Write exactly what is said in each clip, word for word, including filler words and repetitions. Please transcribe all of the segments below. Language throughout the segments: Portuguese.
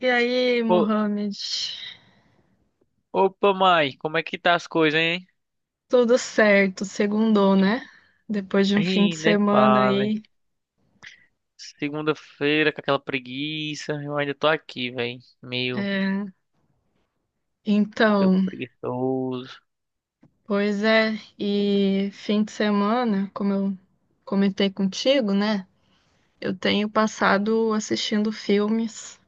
E aí, Ô- Mohamed? Opa, mãe, como é que tá as coisas, hein? Tudo certo, segundou, né? Depois de um fim de Ih, nem semana fale. aí. Segunda-feira com aquela preguiça, eu ainda tô aqui, velho. Meio, É. meio Então, preguiçoso. pois é, e fim de semana, como eu comentei contigo, né? Eu tenho passado assistindo filmes.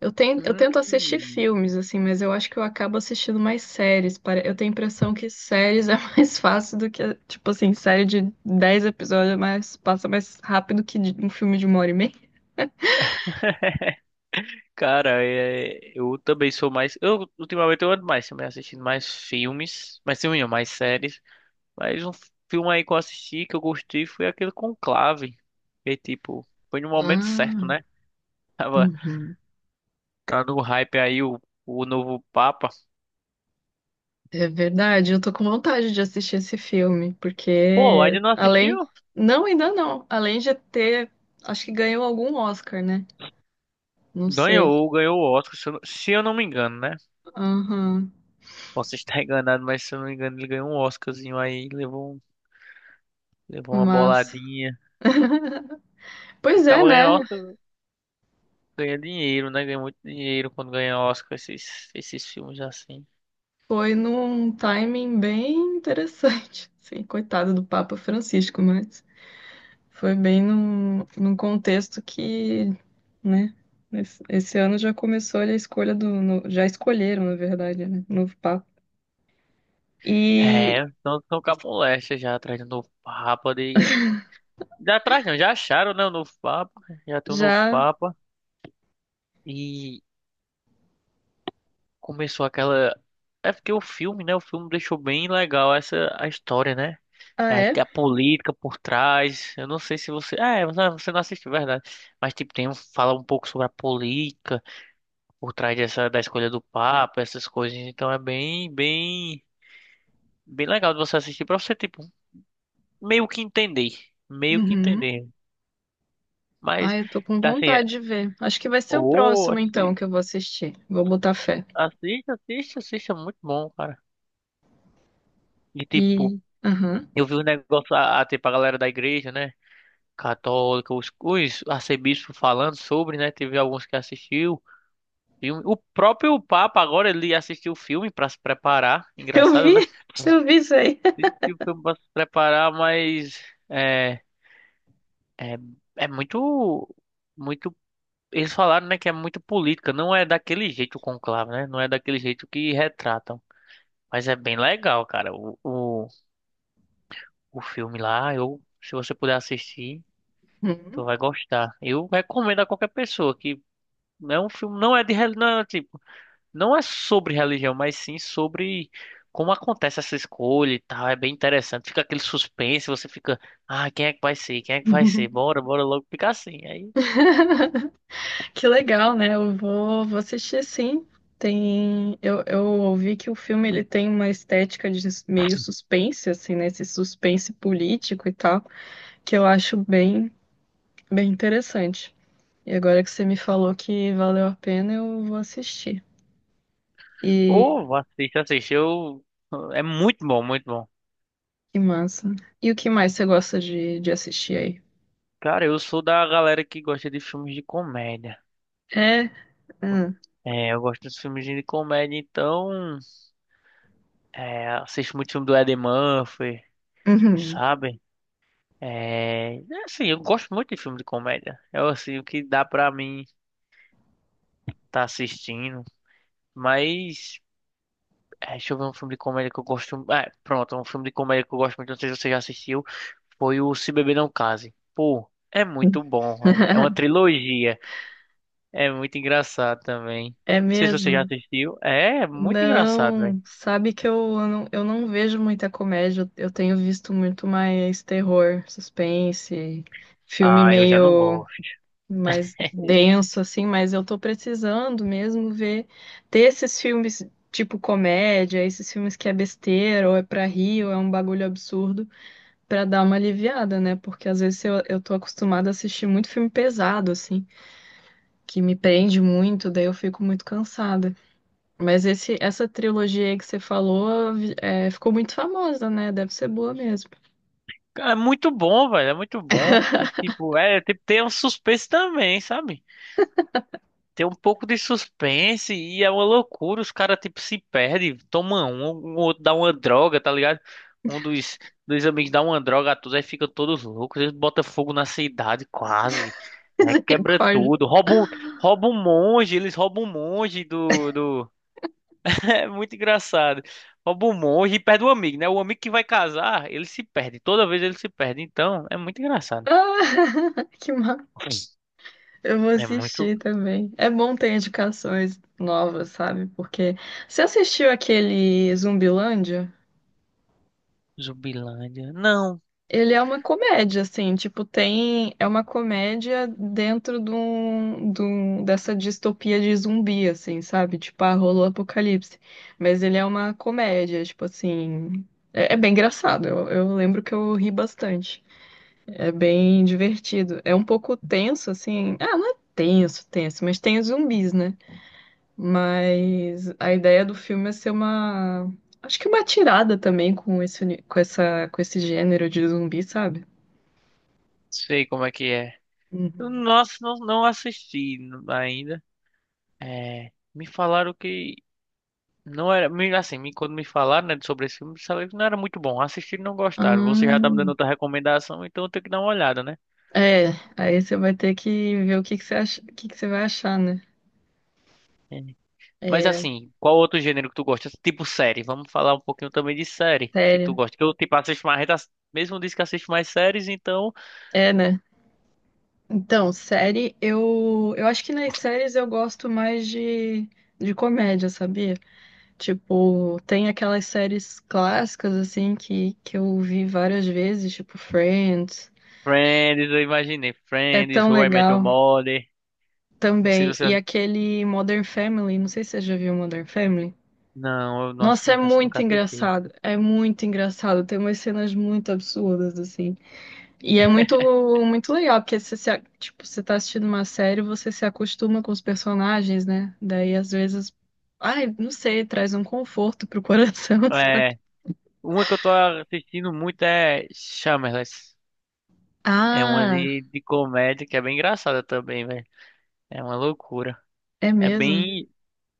Eu tenho, eu tento assistir Hum, filmes, assim, mas eu acho que eu acabo assistindo mais séries. Pare- Eu tenho a impressão que séries é mais fácil do que, tipo assim, série de dez episódios, mas passa mais rápido que de- um filme de uma hora e meia. cara, é, eu também sou mais. Eu ultimamente eu ando mais, também assistindo mais filmes, mais filme, não, mais séries. Mas um filme aí que eu assisti que eu gostei foi aquele Conclave. Que tipo, foi no momento certo, Ah, né? Tava, uhum. tá no hype aí o, o novo Papa. É verdade, eu tô com vontade de assistir esse filme, Pô, porque ainda não assistiu? além. Não, ainda não. Além de ter. Acho que ganhou algum Oscar, né? Não sei. Ganhou, ganhou o Oscar, se eu, não- se eu não me engano, né? Aham. Posso estar enganado, mas se eu não me engano, ele ganhou um Oscarzinho aí, levou, um- levou uma Mas. boladinha. E Pois é, acaba ganhando né? Oscar, ganha dinheiro, né? Ganha muito dinheiro quando ganha Oscar esses, esses filmes assim. Foi num timing bem interessante. Sim, coitado do Papa Francisco, mas foi bem num, num contexto que, né? Esse, esse ano já começou ali a escolha do. No- já escolheram, na verdade, né? Novo Papa. É, E então estão com a moléstia já atrás do novo Papa de. Já atrás não, já acharam, né? O novo Papa, já tem o novo já. Papa. E começou aquela. É porque o filme, né? O filme deixou bem legal essa a história, né? Ah, É é? que a política por trás. Eu não sei se você. Ah, é, você você não assistiu, verdade. Mas, tipo, tem um, fala um pouco sobre a política por trás dessa, da escolha do Papa, essas coisas. Então é bem, bem, bem legal de você assistir pra você, tipo, meio que entender. Meio que Uhum. entender. Mas, Ai, eu tô com tá assim, é- vontade de ver. Acho que vai ser o ô, próximo, então, que assiste, eu vou assistir. Vou botar fé. assiste, assiste, assiste, é muito bom, cara. E, tipo, E. Aham. eu vi um negócio, a, a, tipo, a galera da igreja, né? Católica, os, os arcebispos falando sobre, né? Teve alguns que assistiu. Filme. O próprio Papa agora ele assistiu o filme pra se preparar. Eu Engraçado, vi! né? Eu vi isso aí. E o filme pra se preparar, mas é, é, é muito, muito. Eles falaram, né, que é muito política. Não é daquele jeito o conclave, né? Não é daquele jeito que retratam. Mas é bem legal, cara. O, o, o filme lá, eu, se você puder assistir, tu Uhum. vai gostar. Eu recomendo a qualquer pessoa que é um filme, não é de, reli- não é, tipo, não é sobre religião, mas sim sobre como acontece essa escolha e tal. É bem interessante. Fica aquele suspense, você fica, ah, quem é que vai ser? Quem é que vai ser? Bora, bora logo ficar assim. Aí, Que legal, né? Eu vou, vou assistir sim. Tem, eu, eu ouvi que o filme ele tem uma estética de meio suspense, assim, né? Esse suspense político e tal, que eu acho bem, bem interessante. E agora que você me falou que valeu a pena, eu vou assistir. E ô, assiste, assiste. Eu... É muito bom, muito bom. que massa. E o que mais você gosta de, de assistir aí? Cara, eu sou da galera que gosta de filmes de comédia. É? Ah, É, eu gosto dos filmes de comédia, então, é, assisto muito filme do Eddie Murphy, uhum. sabe? É, é assim, eu gosto muito de filme de comédia. É assim, o que dá pra mim tá assistindo. Mas. É, deixa eu ver um filme de comédia que eu gosto. É, pronto, um filme de comédia que eu gosto muito. Não sei se você já assistiu. Foi o Se Beber Não Case. Pô, é muito bom, velho. É uma trilogia. É muito engraçado também. Não É sei se você já mesmo? assistiu. É, é muito engraçado, velho. Não, sabe que eu não, eu não vejo muita comédia, eu tenho visto muito mais terror, suspense, filme Ah, eu já não meio. gosto. Mais denso, assim, mas eu tô precisando mesmo ver, ter esses filmes tipo comédia, esses filmes que é besteira, ou é pra rir, ou é um bagulho absurdo, pra dar uma aliviada, né? Porque às vezes eu, eu tô acostumada a assistir muito filme pesado, assim, que me prende muito, daí eu fico muito cansada. Mas esse, essa trilogia aí que você falou, é, ficou muito famosa, né? Deve ser boa mesmo. Cara, é muito bom, velho. É muito bom. E tipo, é, tem, tem um suspense também, sabe? Tem um pouco de suspense e é uma loucura. Os caras, tipo, se perdem, tomam um, o outro dá uma droga, tá ligado? Um dos, dos amigos dá uma droga a todos, aí ficam todos loucos. Eles botam fogo na cidade, quase. É, quebra Misericórdia. tudo. Roubam, roubam um monge, eles roubam um monge do, do... É muito engraçado. Rouba o monge e perde o amigo, né? O amigo que vai casar, ele se perde. Toda vez ele se perde. Então, é muito engraçado. Ah, que mal. Eu vou É muito assistir também. É bom ter indicações novas, sabe? Porque você assistiu aquele Zumbilândia? Zumbilândia. Não Ele é uma comédia, assim, tipo, tem. É uma comédia dentro de um, de um- dessa distopia de zumbi, assim, sabe? Tipo, ah, rolou o apocalipse. Mas ele é uma comédia, tipo assim. É, é bem engraçado. Eu, eu lembro que eu ri bastante. É bem divertido. É um pouco tenso, assim. Ah, não é tenso, tenso, mas tem os zumbis, né? Mas a ideia do filme é ser uma. Acho que uma tirada também com esse, uni- com essa, com esse gênero de zumbi, sabe? sei como é que é. Eu, Uhum. nossa, não, não assisti ainda. É, me falaram que não era. me- Assim, me- quando me falaram, né, sobre esse filme, sabe que não era muito bom. Assistir não gostaram. Você já tá me dando Hum, outra recomendação, então eu tenho que dar uma olhada, né? é, aí você vai ter que ver o que que você acha, o que que você vai achar, né? É. Mas É, assim, qual outro gênero que tu gosta? Tipo série. Vamos falar um pouquinho também de série que tu série. gosta. Que eu, tipo, assisto mais. Mesmo disse que assisto mais séries, então. É, né? Então, série, eu, eu acho que nas séries eu gosto mais de, de comédia, sabia? Tipo, tem aquelas séries clássicas, assim, que, que eu vi várias vezes, tipo Friends. Friends, eu imaginei. É Friends, tão How I Met Your legal. Mother. Não sei se Também. E você aquele Modern Family, não sei se você já viu Modern Family. não, eu, nossa, Nossa, é nunca, nunca muito assisti. engraçado. É muito engraçado. Tem umas cenas muito absurdas, assim. E é muito, muito legal, porque você, se, a- tipo, você tá assistindo uma série, você se acostuma com os personagens, né? Daí, às vezes, ai, não sei, traz um conforto pro coração, sabe? É, uma que eu tô assistindo muito é Shameless. É uma Ah, de, de comédia que é bem engraçada também, velho. É uma loucura. é É mesmo? bem.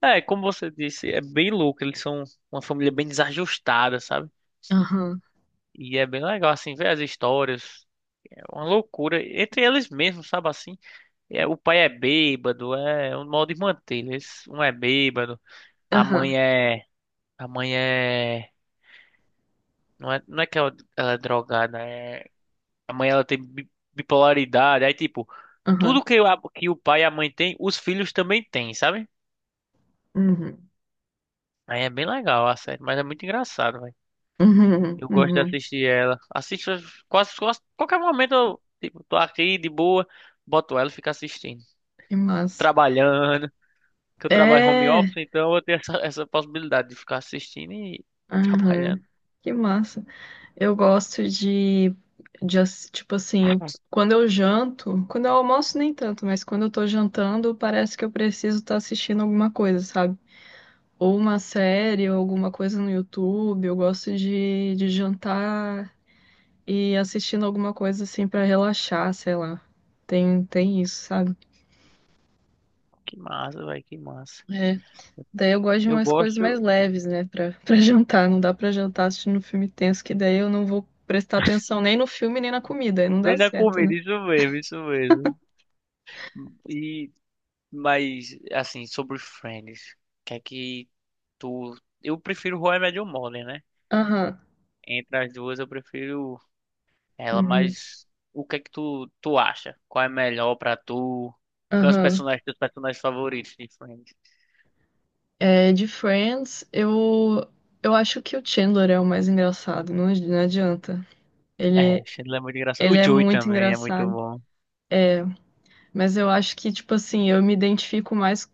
É, como você disse, é bem louco. Eles são uma família bem desajustada, sabe? Aham, E é bem legal, assim, ver as histórias. É uma loucura. Entre eles mesmos, sabe assim? É, o pai é bêbado, é é um modo de manter. Eles, um é bêbado, a aham, mãe é. A mãe é. Não é, não é que ela ela é drogada, é a mãe ela tem bi- bipolaridade. Aí, tipo, aham. tudo que, a- que o pai e a mãe tem, os filhos também têm, sabe? Uhum, Aí é bem legal a série, mas é muito engraçado, velho. uhum, Eu gosto de uhum. assistir ela. Assisto quase, quase qualquer momento, eu, tipo, tô aqui de boa, boto ela e fico assistindo. Que massa. Trabalhando, que eu trabalho home office, É, então eu tenho essa, essa possibilidade de ficar assistindo e aham. trabalhando. Que massa. Eu gosto de, de, ass- tipo assim, eu, quando eu janto, quando eu almoço nem tanto, mas quando eu tô jantando, parece que eu preciso estar assistindo alguma coisa, sabe? Ou uma série, ou alguma coisa no YouTube. Eu gosto de, de jantar e assistindo alguma coisa assim pra relaxar, sei lá. Tem, tem isso, sabe? Que massa, velho, que massa. É. Daí eu gosto de Eu umas coisas mais gosto leves, né, pra para jantar. Não dá pra jantar assistindo um filme tenso, que daí eu não vou prestar atenção nem no filme, nem na comida, aí não dá nem da certo, comida, né? isso mesmo, isso mesmo. E mas, assim, sobre Friends, que é que tu. Eu prefiro How I Met Your Mother, né? Aham. Entre as duas, eu prefiro ela, Uhum. mas o que é que tu, tu acha? Qual é melhor pra tu? Quais os Aham. personagens, teus personagens favoritos de Friends? É, de Friends, eu, eu acho que o Chandler é o mais engraçado, não, ad- não adianta. É, Ele, Chandler é muito engraçado. O ele é Joey muito também é muito engraçado. bom. Mas eu acho que, tipo assim, eu me identifico mais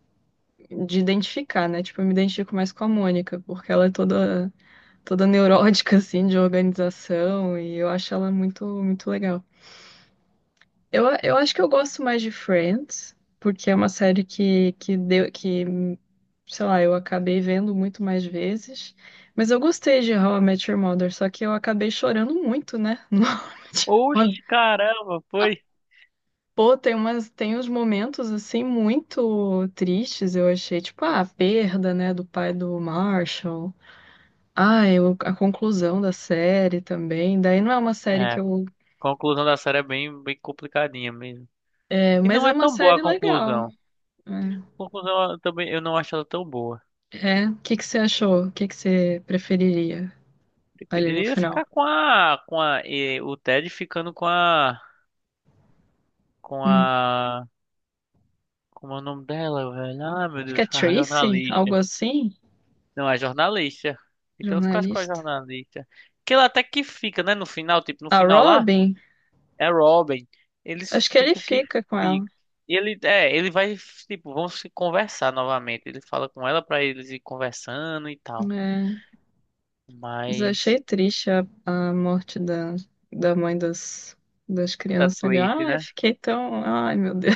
de identificar, né? Tipo, eu me identifico mais com a Mônica, porque ela é toda, toda neurótica, assim, de organização, e eu acho ela muito, muito legal. Eu, eu acho que eu gosto mais de Friends, porque é uma série que, que deu, que sei lá, eu acabei vendo muito mais vezes. Mas eu gostei de How I Met Your Mother, só que eu acabei chorando muito, né? No How I Met Your Oxe, Mother. caramba, foi. Pô, tem umas, tem uns momentos assim muito tristes, eu achei, tipo, ah, a perda, né, do pai do Marshall. Ah, eu, a conclusão da série também. Daí não é uma série É, que a eu. conclusão da série é bem, bem complicadinha mesmo. É, E mas não é é uma tão boa a série legal. conclusão. A conclusão eu também eu não acho ela tão boa. É. É. O que que você achou? O que que você preferiria ali no Preferiria final? ficar com a, com a, eh, o Ted ficando com a, com Hum. a, como é o nome dela, velho? Ah, meu Acho que é Deus, a Tracy, algo jornalista. assim, Não, a jornalista. Então eu ficasse com a jornalista. jornalista. Que ela até que fica, né? No final, tipo, no A final lá, Robin, é Robin. acho Eles, que ele tipo, que fica com ela. fica. Ele, é, ele vai, tipo, vão se conversar novamente. Ele fala com ela pra eles ir conversando e tal. É, mas eu achei Mas, triste a, a morte da, da mãe das, das da crianças ali. Tracy, Ai, né? fiquei tão. Ai, meu Deus.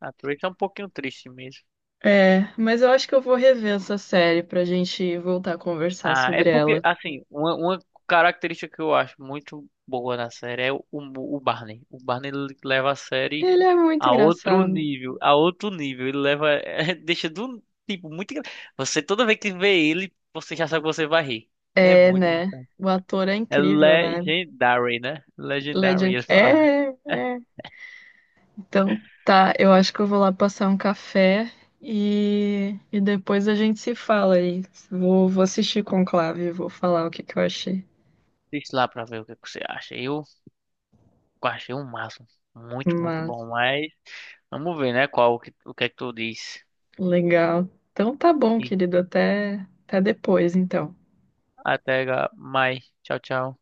A Tracy é um pouquinho triste mesmo. É, mas eu acho que eu vou rever essa série pra gente voltar a conversar Ah, é sobre porque, ela. assim, uma, uma característica que eu acho muito boa na série é o, o Barney. O Barney ele leva a série Ele é muito a outro engraçado. nível, a outro nível. Ele leva, é, deixa do tipo muito. engra- Você toda vez que vê ele, você já sabe que você vai rir. É É, muito né? engraçado. O ator é É incrível, né? legendary, né? Legendary, Legend. ele fala. É, é. Então, tá, eu acho que eu vou lá passar um café e, e depois a gente se fala aí. Vou, vou assistir Conclave e vou falar o que que eu achei. Deixa lá pra ver o que que você acha. Eu achei um máximo. Muito, muito Mas, bom. Mas vamos ver, né? Qual o que, o que é que tu diz. legal. Então tá bom, querido, até, até depois, então. Até ga- mais. Tchau, tchau.